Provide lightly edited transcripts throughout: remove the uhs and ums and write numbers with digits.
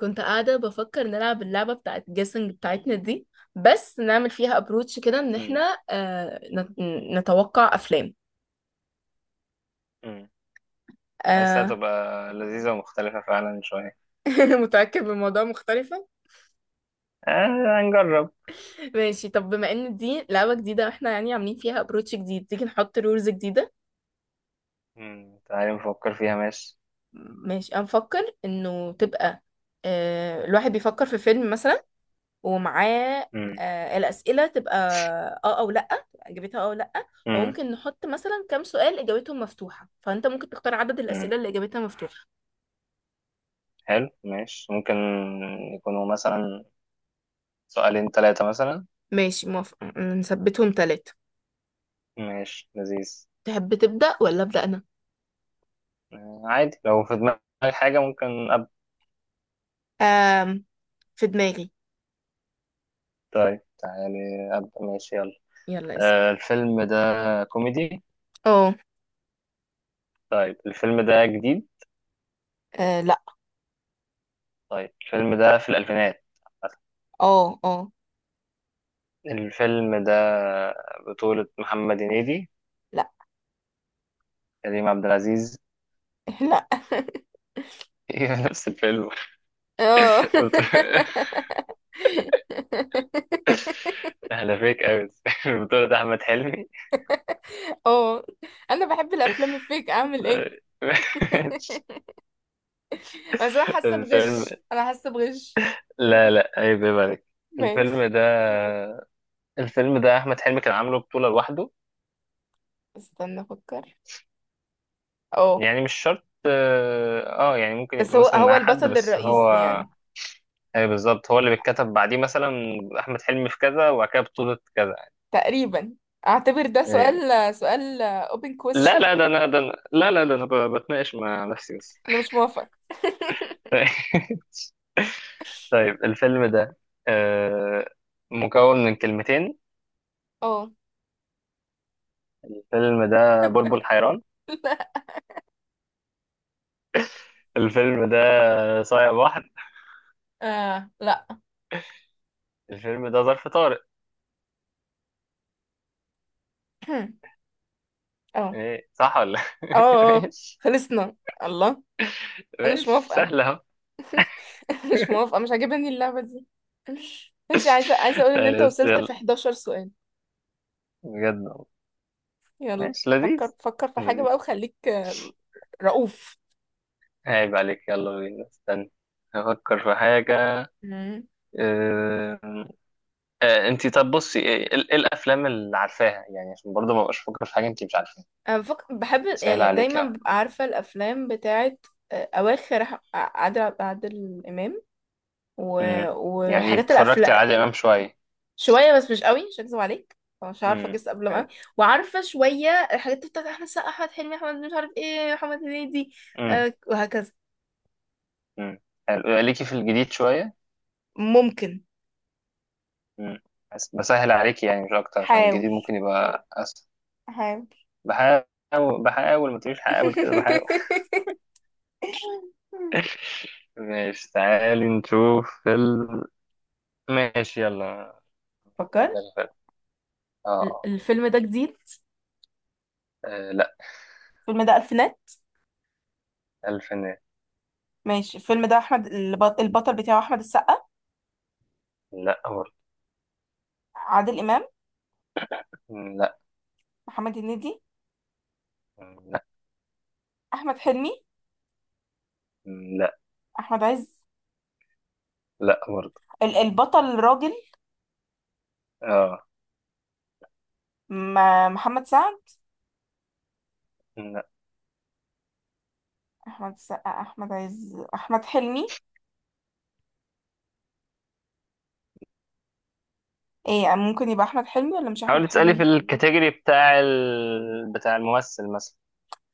كنت قاعدة بفكر نلعب اللعبة بتاعت جيسنج بتاعتنا دي، بس نعمل فيها ابروتش كده ان امم احنا نتوقع افلام. امم حاسسها آه. تبقى لذيذة ومختلفة فعلا شوية. متأكد من الموضوع مختلفة. هنجرب. ماشي، طب بما ان دي لعبة جديدة واحنا يعني عاملين فيها ابروتش جديد، تيجي نحط رولز جديدة. تعالي نفكر فيها، ماشي. ماشي، انا بفكر انه تبقى الواحد بيفكر في فيلم مثلا ومعاه امم الأسئلة تبقى اه او لأ، إجابتها اه او لأ. امم وممكن نحط مثلا كام سؤال إجابتهم مفتوحة، فأنت ممكن تختار عدد امم الأسئلة اللي إجابتها مفتوحة. حلو، ماشي، ممكن يكونوا مثلا سؤالين، ثلاثة مثلا. ماشي موافقة، نثبتهم تلاتة. ماشي، لذيذ. تحب تبدأ ولا أبدأ أنا؟ عادي، لو في دماغي حاجة ممكن أبدأ. آم في دماغي. طيب تعالي أبدأ، ماشي، يلا. يلا اسأل. الفيلم ده كوميدي؟ اه. طيب الفيلم ده جديد؟ لأ. طيب الفيلم ده في الألفينات؟ اه اه. الفيلم ده بطولة محمد هنيدي؟ لأ. كريم عبد العزيز؟ لأ. هي نفس الفيلم؟ اه. احنا فيك قوي. البطولة ده احمد حلمي. اه، انا بحب الافلام الفيك، اعمل ايه؟ بس انا حاسه الفيلم، بغش، انا حاسه بغش. لا لا عيب يا بالك. ماشي. الفيلم ده احمد حلمي كان عامله بطولة لوحده. استنى افكر. اه، يعني مش شرط، اه، يعني ممكن بس يبقى هو مثلا معاه حد البطل بس هو. الرئيسي يعني. اي بالظبط، هو اللي بيتكتب بعديه مثلا، احمد حلمي في كذا وبعد كده بطولة كذا. تقريبا. اعتبر ده إيه. سؤال. open لا question. لا، ده انا ده أنا- لا لا ده انا ب- بتناقش مع نفسي بس. انا مش موافقه. طيب الفيلم ده آه، مكون من كلمتين. اه. الفيلم ده بلبل حيران؟ لا. الفيلم ده صايع بحر؟ آه. لا. الفيلم ده ظرف طارق؟ اه. ايه صح ولا؟ اه. اه. ماشي. خلصنا. الله. انا مش ماشي موافقه. سهل اهو. مش موافقه، مش عاجباني اللعبه دي. ماشي، عايزه اقول ان انت طيب، بس وصلت يلا. في 11 سؤال. بجد والله. يلا. ماشي، لذيذ. فكر في حاجه بقى لذيذ. وخليك رؤوف. عيب عليك، يلا بينا استنى افكر في حاجة. مم. أه... انت، طب بصي، ايه، إيه الافلام اللي عارفاها يعني عشان برضه ما بقاش افكر في حاجة انت مش عارفاها. بحب سهل يعني دايما عليك. ببقى عارفه الافلام بتاعت اواخر عادل امام و... مم. يعني وحاجات اتفرجت الافلام. على عادل إمام شوية؟ شويه بس مش قوي، مش هكذب عليك. مش عارفه مم. اجس قبل ما حلو. قوي. وعارفه شويه الحاجات بتاعت احمد سقا، احمد حلمي، احمد مش عارف ايه، محمد هنيدي. مم. وهكذا. مم. حلو. ليكي في الجديد شوية؟ ممكن. مم. بس بسهل عليكي يعني مش أكتر عشان حاول. الجديد ممكن يبقى أسهل. حاول. بحاول، بحاول، ما تقوليش حاول كده، بحاول. ماشي تعالي نشوف فيلم. ماشي يلا. فيلم. فكرت. فيلم. اه آه. الفيلم ده جديد؟ آه، لا. الفيلم ده الفينات. الفينات. ماشي، الفيلم ده احمد البطل بتاعه احمد السقا؟ لا برضه. عادل امام؟ لا. محمد هنيدي؟ لا. احمد حلمي؟ لا. احمد عز؟ لا برضه. البطل الراجل؟ اه. محمد سعد؟ لا. احمد السقا، احمد عز، احمد حلمي. ايه، ممكن يبقى احمد حلمي ولا مش احمد حاولي تسألي في حلمي؟ الكاتيجوري بتاع الممثل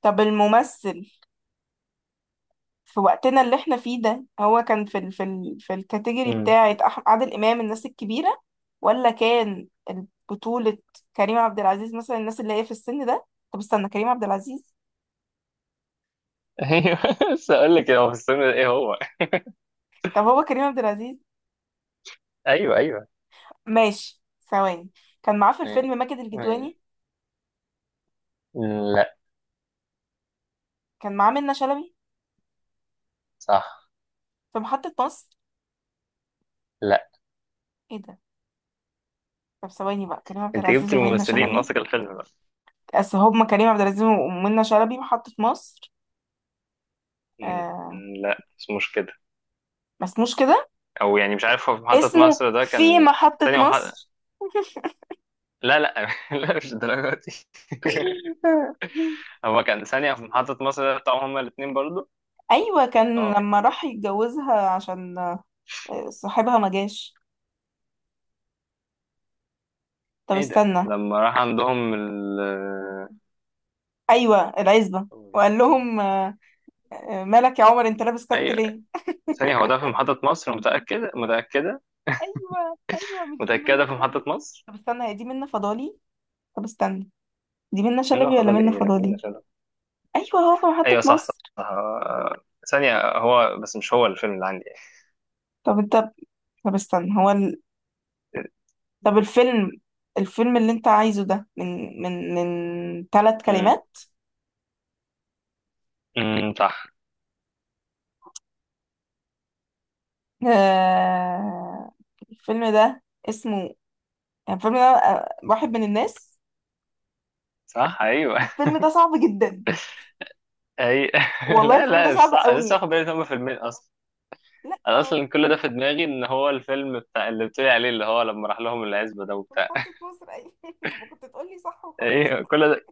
طب الممثل في وقتنا اللي احنا فيه ده، هو كان في ال في ال في الكاتيجوري مثلا. بتاعه عادل امام، الناس الكبيره؟ ولا كان بطوله كريم عبد العزيز مثلا، الناس اللي هي في السن ده؟ طب استنى، كريم عبد العزيز. ايوه. بس اقول لك هو في السن ده ايه هو. طب هو كريم عبد العزيز؟ ايوه ايوه. ماشي. ثواني. كان معاه في يعني- الفيلم ماجد يعني- الكدواني؟ لا. كان معاه منة شلبي صح. في محطة مصر؟ لا. ايه ده. طب ثواني بقى، كريم عبد انت جبت العزيز ومنة الممثلين شلبي. ناقصك الفيلم بقى. اصل هما كريم عبد العزيز ومنة شلبي محطة مصر. م- آه. لا مش كده. ما اسموش كده. او يعني مش عارف هو في محطة اسمه مصر ده في كان محطة ثانية ومحطة. مصر. لا لا، لا مش الدرجة دي. هو كان ثانية في محطة مصر ده بتاعهم هما الاتنين برضو. ايوه، كان اه. لما راح يتجوزها عشان صاحبها ما جاش. طب ايه ده استنى. لما راح عندهم ايوه، العزبة. وقال لهم مالك يا عمر، انت لابس كت ايوه. ليه؟ ثانية، هو ده في محطة مصر، متأكدة متأكدة. ايوه ايوه، مش دي منة متأكدة في محطة شلبي؟ مصر. طب استنى، هي دي منة فضالي؟ طب استنى، دي منة منه شلبي ولا فاضل منة ايه، لا منه. فضالي؟ ايوه، هو في محطة ايوه صح صح، مصر. صح. ثانية هو بس مش هو الفيلم اللي عندي. طب انت. طب استنى، طب الفيلم. الفيلم اللي انت عايزه ده من ثلاث امم كلمات؟ صح. آه... الفيلم ده اسمه يعني، الفيلم ده واحد من الناس؟ صح ايوه. الفيلم ده صعب جدا. اي. والله لا الفيلم ده لا مش صعب صح، أنا لسه قوي. واخد بالي إن هما فيلمين اصلا. لا انا اصلا كل ده في دماغي ان هو الفيلم بتاع اللي بتقولي عليه اللي هو لما راح لهم العزبة ده في وبتاع. محطة مصر ايوه. انت كنت تقولي صح وخلصت. ايوه كل ده،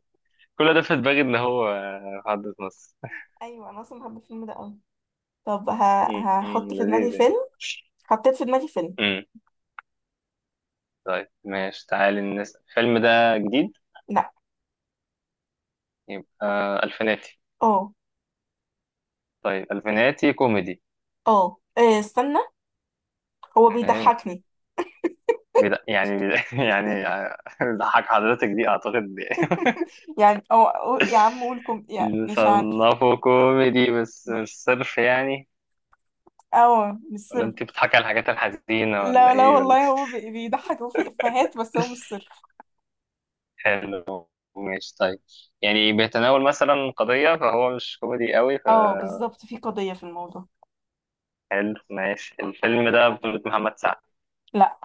في دماغي ان هو في حدث مصر. ايوه، انا اصلا بحب الفيلم ده قوي. طب أمم، هحط في دماغي لذيذ يعني. فيلم. حطيت في دماغي فيلم. امم. طيب ماشي تعالي الناس، الفيلم ده جديد؟ لا. يبقى، الفيناتي. اه. طيب الفيناتي كوميدي؟ اه. إيه، استنى، هو بيضحكني بلا يعني بلا يعني ضحك حضرتك دي اعتقد. يعني. أو يا عم قول كم يعني، مش عارف. نصنفه كوميدي بس مش صرف يعني. اه، مش سر. ولا انت بتضحكي على الحاجات الحزينة ولا لا لا، ايه ولا؟ والله هو بيضحك وفي افيهات، بس هو مش سر. حلو. ماشي، طيب. يعني بيتناول مثلا قضية فهو مش كوميدي قوي. اه بالظبط، في قضية في الموضوع. فحلو ماشي، الفيلم ده بطولة محمد سعد؟ لا.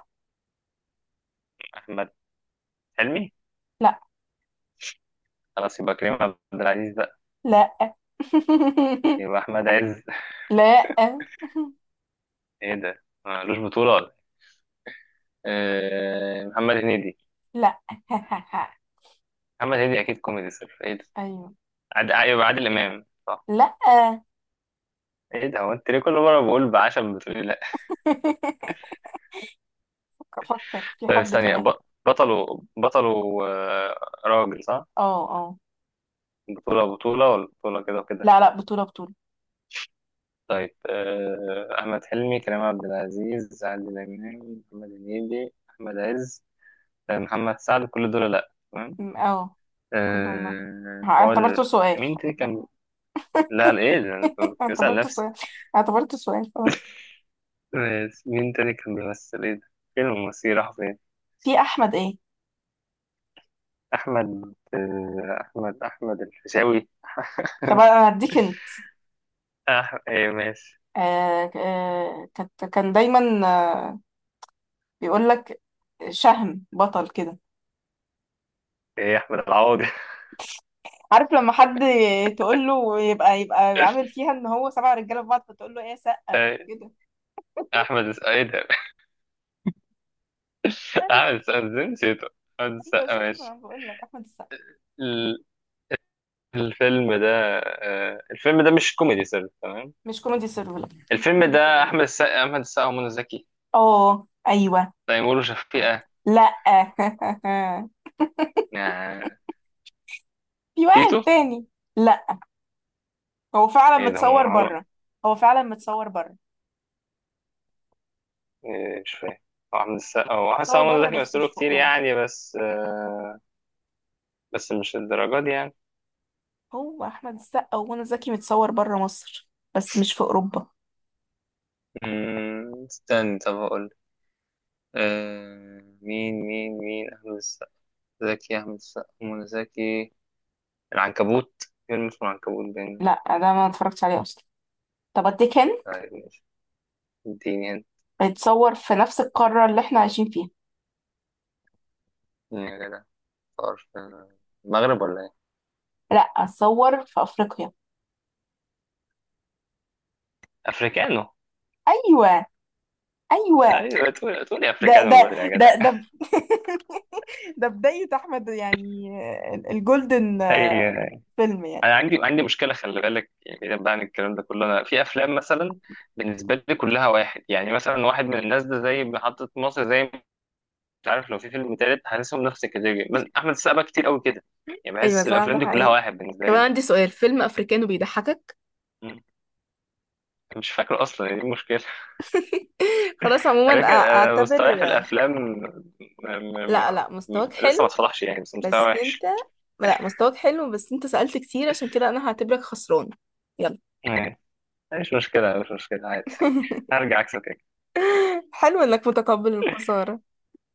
أحمد حلمي؟ لا. خلاص يبقى كريم عبد العزيز بقى؟ لا. يبقى أحمد عز؟ لا. ايه ده ملوش بطولة ولا إيه؟ محمد هنيدي؟ لا. محمد هنيدي أكيد كوميدي صرف، ايه ده؟ ايوه. ايوه عادل امام صح؟ لا. ايه ده، هو انت ليه كل مره بقول بعشم بتقولي لا؟ افكر في طيب حد ثانيه، كمان. بطل بطل راجل صح؟ اه. اه. بطوله، بطوله ولا بطوله كده وكده؟ لا لا، بطولة. طيب احمد حلمي كريم عبد العزيز عادل امام محمد هنيدي احمد عز، محمد سعد، كل دول لا تمام؟ اه. كلهم لا. آه، هو اعتبرته ال- سؤال. مين تاني كان. لا لا، ايه ده انا كنت بسأل اعتبرته نفسي. سؤال. اعتبرته سؤال، خلاص. مين تاني كان بيمثل ايه ده، فيلم مصير راح فين. في احمد ايه. احمد آه، احمد احمد الفيشاوي. طب انا هديك انت. ايه ماشي. كانت كان دايما آه بيقول لك، شهم بطل كده. ايه احمد العوضي. عارف لما حد تقول له يبقى عامل فيها ان هو سبع رجاله في بعض، فتقول له ايه سقه إيه، كده. ايه ده. احمد السقا، ازاي نسيته. احمد ايوه السقا، شفت، ما ماشي. انا بقول لك احمد السقا. ال- الفيلم ده الفيلم ده مش كوميدي سر، تمام؟ مش كوميدي سيرفر. الفيلم ده احمد السقا، ومنى زكي. اه ايوه. تيمور وشفيقة، لا. يعني. في تيتو. واحد تاني. لا. هو فعلا ايه ده هم متصور عمرو. بره. هو فعلا متصور بره. إيه، مش فاهم. هو احمد السقا متصور ومنى بره زكي بس مثلوا مش في كتير اوروبا. يعني، بس مش الدرجات دي يعني. هو احمد السقا ومنى زكي متصور بره مصر بس مش في اوروبا. استنى طب هقول. مين مين مين أحمد السقا. زكي، أحمد السقا، منى زكي، العنكبوت، فيلم اسمه العنكبوت بين. لا، ده ما اتفرجتش عليه اصلا. طب اديك هند. طيب ماشي. اديني. بيتصور في نفس القاره اللي احنا عايشين فيها. هنا يا جدع. طار في المغرب ولا إيه؟ لا، اتصور في افريقيا. أفريكانو. ايوه. ايوه. أيوة، تقولي أفريكانو من بدري يا جدع. ده. ده بدايه احمد يعني، الجولدن أي. أنا فيلم يعني. عندي مشكلة، خلي بالك يعني، بعيدا بقى عن الكلام ده كله، أنا في أفلام مثلا بالنسبة لي كلها واحد، يعني مثلا واحد من الناس ده زي محطة مصر، زي مش عارف، لو في فيلم تالت هحسهم نفس الكاتيجوري أحمد السقا بقى كتير قوي كده، يعني ايوه بحس صح، ده الافلام دي كلها حقيقي. واحد بالنسبه طب انا لي. عندي سؤال، فيلم افريكانو بيضحكك؟ مم. مش فاكره اصلا ايه المشكله. خلاص عموما على فكره اعتبر. مستواي في الافلام، م- لا لا، مستواك لسه ما حلو، اتفضحش يعني، بس مستوى بس انت. وحش. لا مستواك حلو، بس انت سألت كتير، عشان كده انا هعتبرك خسران. يلا. مم. مش مشكله مش مشكله عادي. هرجع عكسك. حلو انك متقبل الخسارة.